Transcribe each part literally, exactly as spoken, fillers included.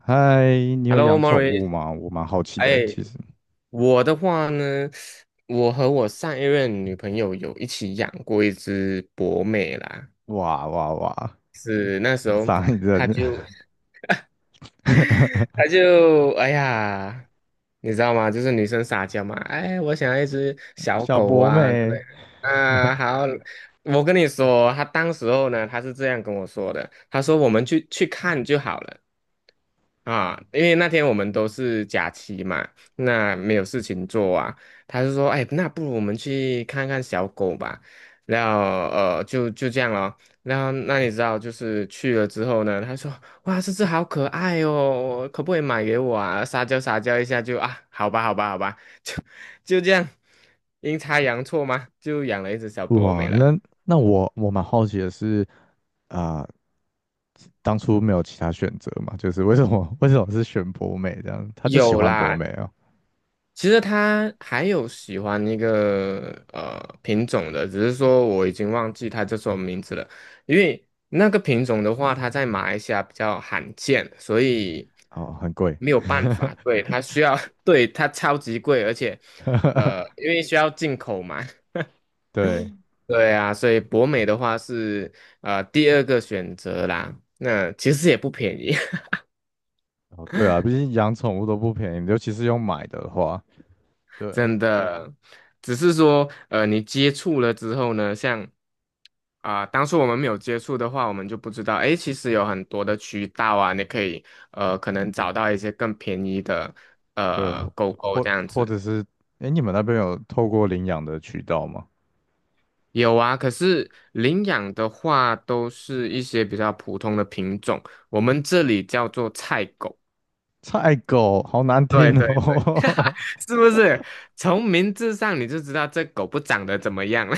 嗨，你有 Hello, 养 m a 宠 r i 物 c 吗？我蛮好奇的，哎，其实。我的话呢，我和我上一任女朋友有一起养过一只博美啦，哇哇哇，是那时候上一她阵 就 他 就哎呀，你知道吗？就是女生撒娇嘛，哎，我想要一只小小狗博啊之美，类的啊，好，我跟你说，他当时候呢，他是这样跟我说的，他说我们去去看就好了。啊，因为那天我们都是假期嘛，那没有事情做啊，他就说，哎，那不如我们去看看小狗吧，然后呃，就就这样咯。然后那你知道，就是去了之后呢，他说："哇，这只好可爱哦，可不可以买给我啊？"撒娇撒娇一下就啊，好吧，好吧，好吧，就就这样，阴差阳错嘛，就养了一只小博美哇，了。那那我我蛮好奇的是，啊、当初没有其他选择嘛？就是为什么为什么是选博美这样？他就喜有欢博啦，美哦，其实他还有喜欢一个呃品种的，只是说我已经忘记他叫什么名字了。因为那个品种的话，它在马来西亚比较罕见，所以哦，很贵，没有办法。对，它需要，对，它超级贵，而且呃，因为需要进口嘛。对，对啊，所以博美的话是呃第二个选择啦。那其实也不便宜。哦对啊，毕竟养宠物都不便宜，尤其是用买的话，对真的，只是说，呃，你接触了之后呢，像啊、当初我们没有接触的话，我们就不知道，诶，其实有很多的渠道啊，你可以，呃，可能找到一些更便宜的，对，呃，或狗狗这或样或子。者是，哎，你们那边有透过领养的渠道吗？有啊，可是领养的话，都是一些比较普通的品种，我们这里叫做菜狗。菜狗，好难对听对对，哦。是不是？从名字上你就知道这狗不长得怎么样了。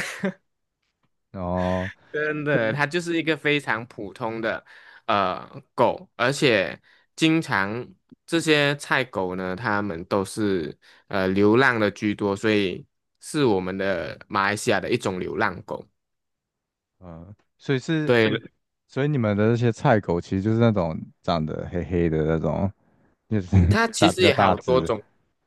哦，真这的，是它就是一个非常普通的呃狗，而且经常这些菜狗呢，它们都是呃流浪的居多，所以是我们的马来西亚的一种流浪狗。嗯，所以是，对，所以你们的那些菜狗其实就是那种长得黑黑的那种，就是 它 其大比实较也大好多只，种，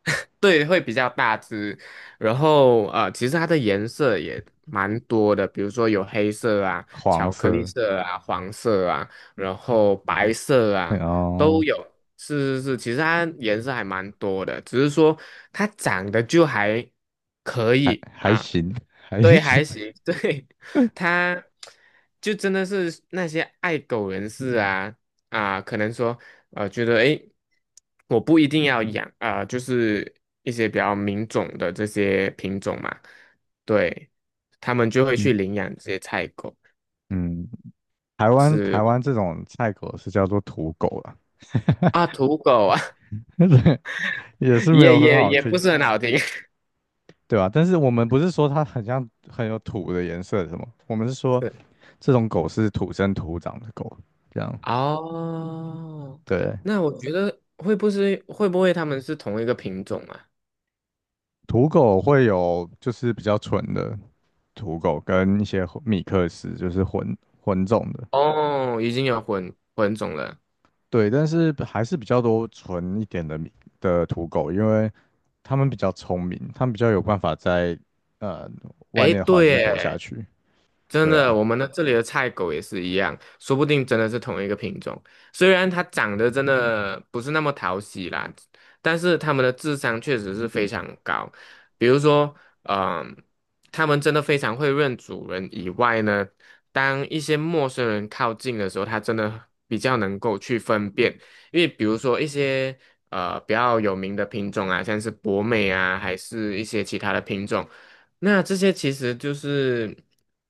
对，会比较大只。然后呃，其实它的颜色也蛮多的，比如说有黑色啊、黄巧克力色，色啊、黄色啊，然后白色然啊都后有。是是是，其实它颜色还蛮多的，只是说它长得就还可还以还啊。行，还对，行，还行，对，它，就真的是那些爱狗人士啊啊，可能说呃，觉得诶，我不一定要养啊、呃就是一些比较名种的这些品种嘛，对，他们就会 去嗯领养这些菜狗，嗯，台湾是台湾这种菜狗是叫做土狗啦，啊，土狗啊，对，也 是没也有很也好也不听，是很好听，对吧？但是我们不是说它很像很有土的颜色什么，我们是 说是这种狗是土生土长的狗，这样。哦，对，那我觉得会不是会不会他们是同一个品种啊？土狗会有就是比较纯的土狗，跟一些混米克斯，就是混混种的。哦，已经有混混种了，对，但是还是比较多纯一点的米的土狗，因为他们比较聪明，他们比较有办法在呃外诶，面的环对境活下耶，去。真对的，啊，我们的这里的菜狗也是一样，说不定真的是同一个品种。虽然它长得真的不是那么讨喜啦，但是它们的智商确实是非常高。比如说，嗯、它们真的非常会认主人以外呢，当一些陌生人靠近的时候，它真的比较能够去分辨。因为比如说一些呃比较有名的品种啊，像是博美啊，还是一些其他的品种。那这些其实就是。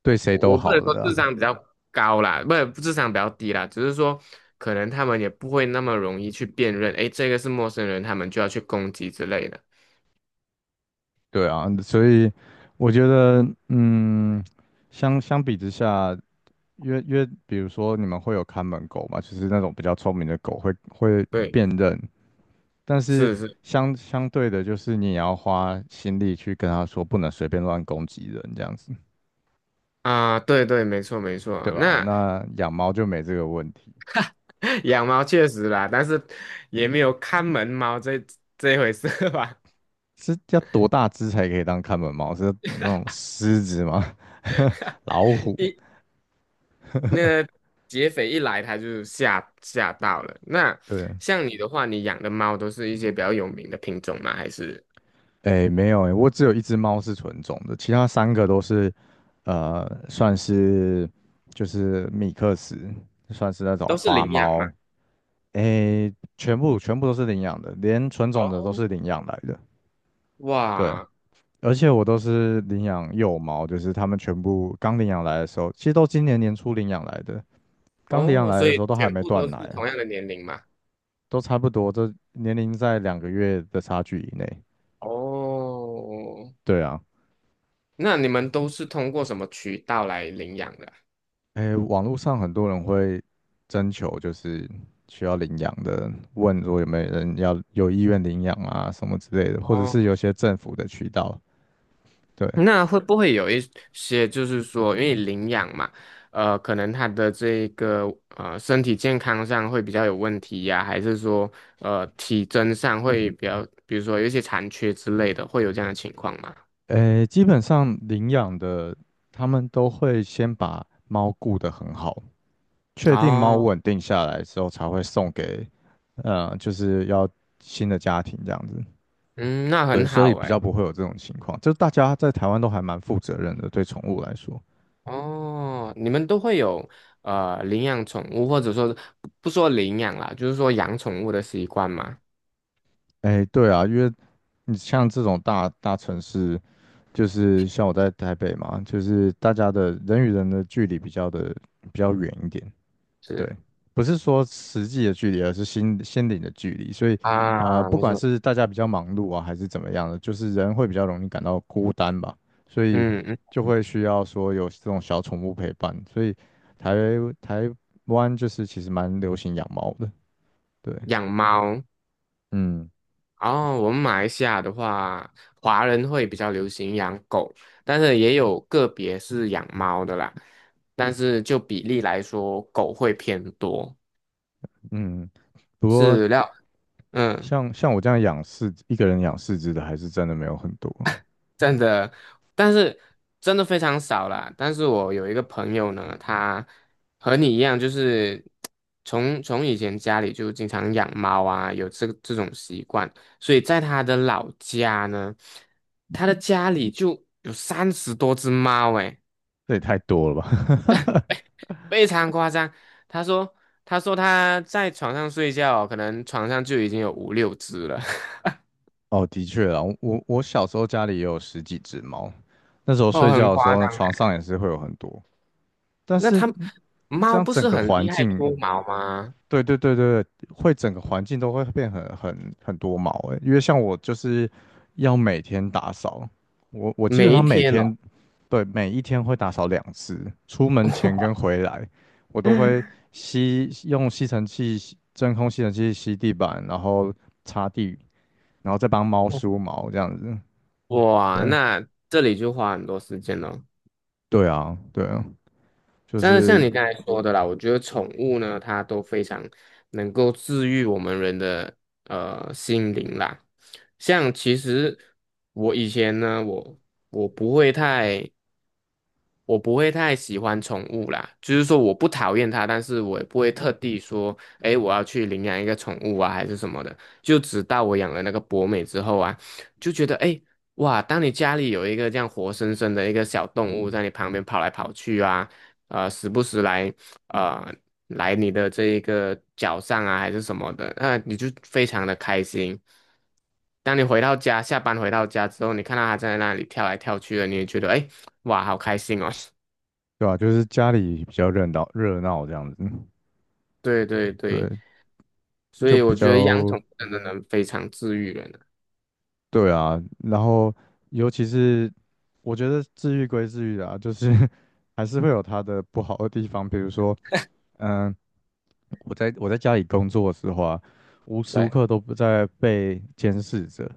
对谁都我不好能的说啦。智商比较高啦，不是智商比较低啦，只是说可能他们也不会那么容易去辨认，诶，这个是陌生人，他们就要去攻击之类的。对啊，所以我觉得，嗯，相相比之下，因为因为比如说你们会有看门狗嘛，就是那种比较聪明的狗会会对，辨认。但是是是相相对的，就是你也要花心力去跟他说，不能随便乱攻击人，这样子，啊，对对，没错没错对啊。吧？那 那养猫就没这个问题，养猫确实啦，但是也没有看门猫这这回事吧？是要多大只才可以当看门猫？是那种狮子吗？老 虎？一那劫匪一来，他就吓吓到了。那对，像你的话，你养的猫都是一些比较有名的品种吗？还是哎，没有哎，我只有一只猫是纯种的，其他三个都是，呃，算是就是米克斯，算是那种都是花领养嘛？猫，哎，全部全部都是领养的，连纯种的都哦，是领养来的。对，哇，而且我都是领养幼猫，就是他们全部刚领养来的时候，其实都今年年初领养来的，刚领养哦，来所的时以候都还全没部都断奶是啊同样的年龄嘛？都差不多，这年龄在两个月的差距以内。哦，对啊，那你们都是通过什么渠道来领养的啊诶，网络上很多人会征求，就是需要领养的，问说有没有人要有意愿领养啊什么之类的，或者是哦，有些政府的渠道，对，那会不会有一些就是说，因为领养嘛，呃，可能他的这个呃身体健康上会比较有问题呀、还是说呃体征上会比较，比如说有一些残缺之类的，会有这样的情况吗？诶，基本上领养的他们都会先把猫顾得很好。确定猫哦，稳定下来之后，才会送给，呃，就是要新的家庭这样子。嗯，那对，很所以好比哎。较不会有这种情况。就大家在台湾都还蛮负责任的，对宠物来说。哦，你们都会有呃领养宠物，或者说不不说领养啦，就是说养宠物的习惯嘛。哎，对啊，因为你像这种大大城市，就是像我在台北嘛，就是大家的人与人的距离比较的比较远一点，对，是不是说实际的距离，而是心心灵的距离。所以，呃，啊，不没管错，是大家比较忙碌啊，还是怎么样的，就是人会比较容易感到孤单吧，所以嗯嗯，就会需要说有这种小宠物陪伴。所以台台湾就是其实蛮流行养猫的，对，养猫。嗯哦，我们马来西亚的话，华人会比较流行养狗，但是也有个别是养猫的啦。但是就比例来说，狗会偏多。嗯。不过是料，嗯。像像我这样养四一个人养四只的，还是真的没有很多，真的，但是真的非常少啦。但是我有一个朋友呢，他和你一样，就是从从以前家里就经常养猫啊，有这这种习惯，所以在他的老家呢，他的家里就有三十多只猫，诶，这也太多了吧？非常夸张。他说，他说他在床上睡觉，可能床上就已经有五六只了，哦，的确啊，我我小时候家里也有十几只猫，那时候 哦，睡很觉的时夸候张床欸上也是会有很多，但那是他这猫样不整是个很环厉害境，脱毛吗？对对对对，会整个环境都会变很很很多毛诶，因为像我就是要每天打扫，我我基本每一上每天哦，天对每一天会打扫两次，出门前 跟回来，我都会吸用吸尘器吸真空吸尘器吸地板，然后擦地，然后再帮猫梳毛这样子，哇，对。那这里就花很多时间了。对啊，对啊，就真的像是你刚才说的啦，我觉得宠物呢，它都非常能够治愈我们人的呃心灵啦。像其实我以前呢，我我不会太。我不会太喜欢宠物啦，就是说我不讨厌它，但是我也不会特地说，诶，我要去领养一个宠物啊，还是什么的。就直到我养了那个博美之后啊，就觉得，诶，哇，当你家里有一个这样活生生的一个小动物在你旁边跑来跑去啊，呃，时不时来，呃。来你的这一个脚上啊，还是什么的，那你就非常的开心。当你回到家，下班回到家之后，你看到它在那里跳来跳去的，你也觉得哎，诶哇，好开心哦。对啊，就是家里比较热闹热闹这样子，对对对，对，所就以比我觉得养较宠物真的能非常治愈人啊。对啊。然后尤其是我觉得治愈归治愈啊，就是 还是会有它的不好的地方，比如说，嗯，我在我在家里工作的时候啊，无时无对，刻都不在被监视着。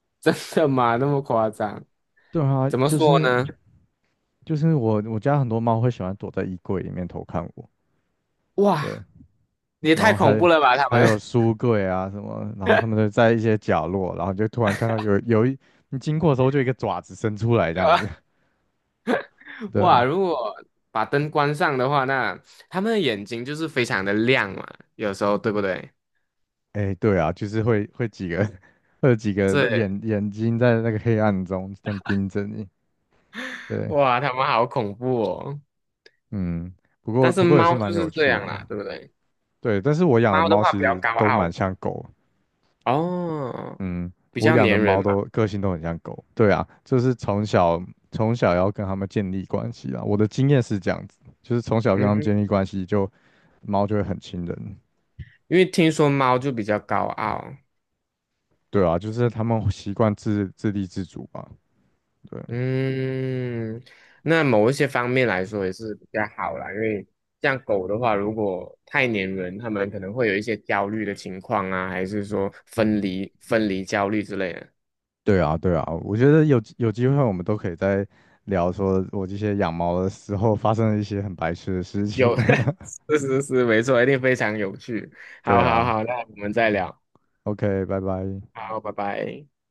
真的吗？那么夸张？对啊，怎么就说是呢？就是我我家很多猫会喜欢躲在衣柜里面偷看我，哇，对，也然太后恐还怖了吧，他还们。有书柜啊什么，然后 他们就在一些角落，然后你就突然看到有有一你经过的时候，就一个爪子伸出来这对样吧子，对哇，啊，如果把灯关上的话，那他们的眼睛就是非常的亮嘛，有时候对不对？哎，对啊，就是会会几个 会有几个是，眼眼睛在那个黑暗中这样盯着你，对，哇，它们好恐怖哦！嗯，不过但是不过也猫是啊蛮就有是这趣样的，啦，对不对？对，但是我养的猫的猫话其比较实高都蛮傲像狗，哦，嗯，比我较嗯养的粘人猫嘛。都个性都很像狗，对啊，就是从小从小要跟它们建立关系啊。我的经验是这样子，就是从小跟它们嗯，建立关系就，猫就会很亲人，因为听说猫就比较高傲。对啊，就是它们习惯自自立自主嘛，对，嗯，那某一些方面来说也是比较好啦，因为像狗的话，如果太粘人，它们可能会有一些焦虑的情况啊，还是说分离分离焦虑之类的。对啊，对啊。我觉得有有机会我们都可以再聊说我这些养猫的时候发生的一些很白痴的事情，有，是是是，没错，一定非常有趣。对好好啊好，那我们再聊。，O K，拜拜。好，拜拜。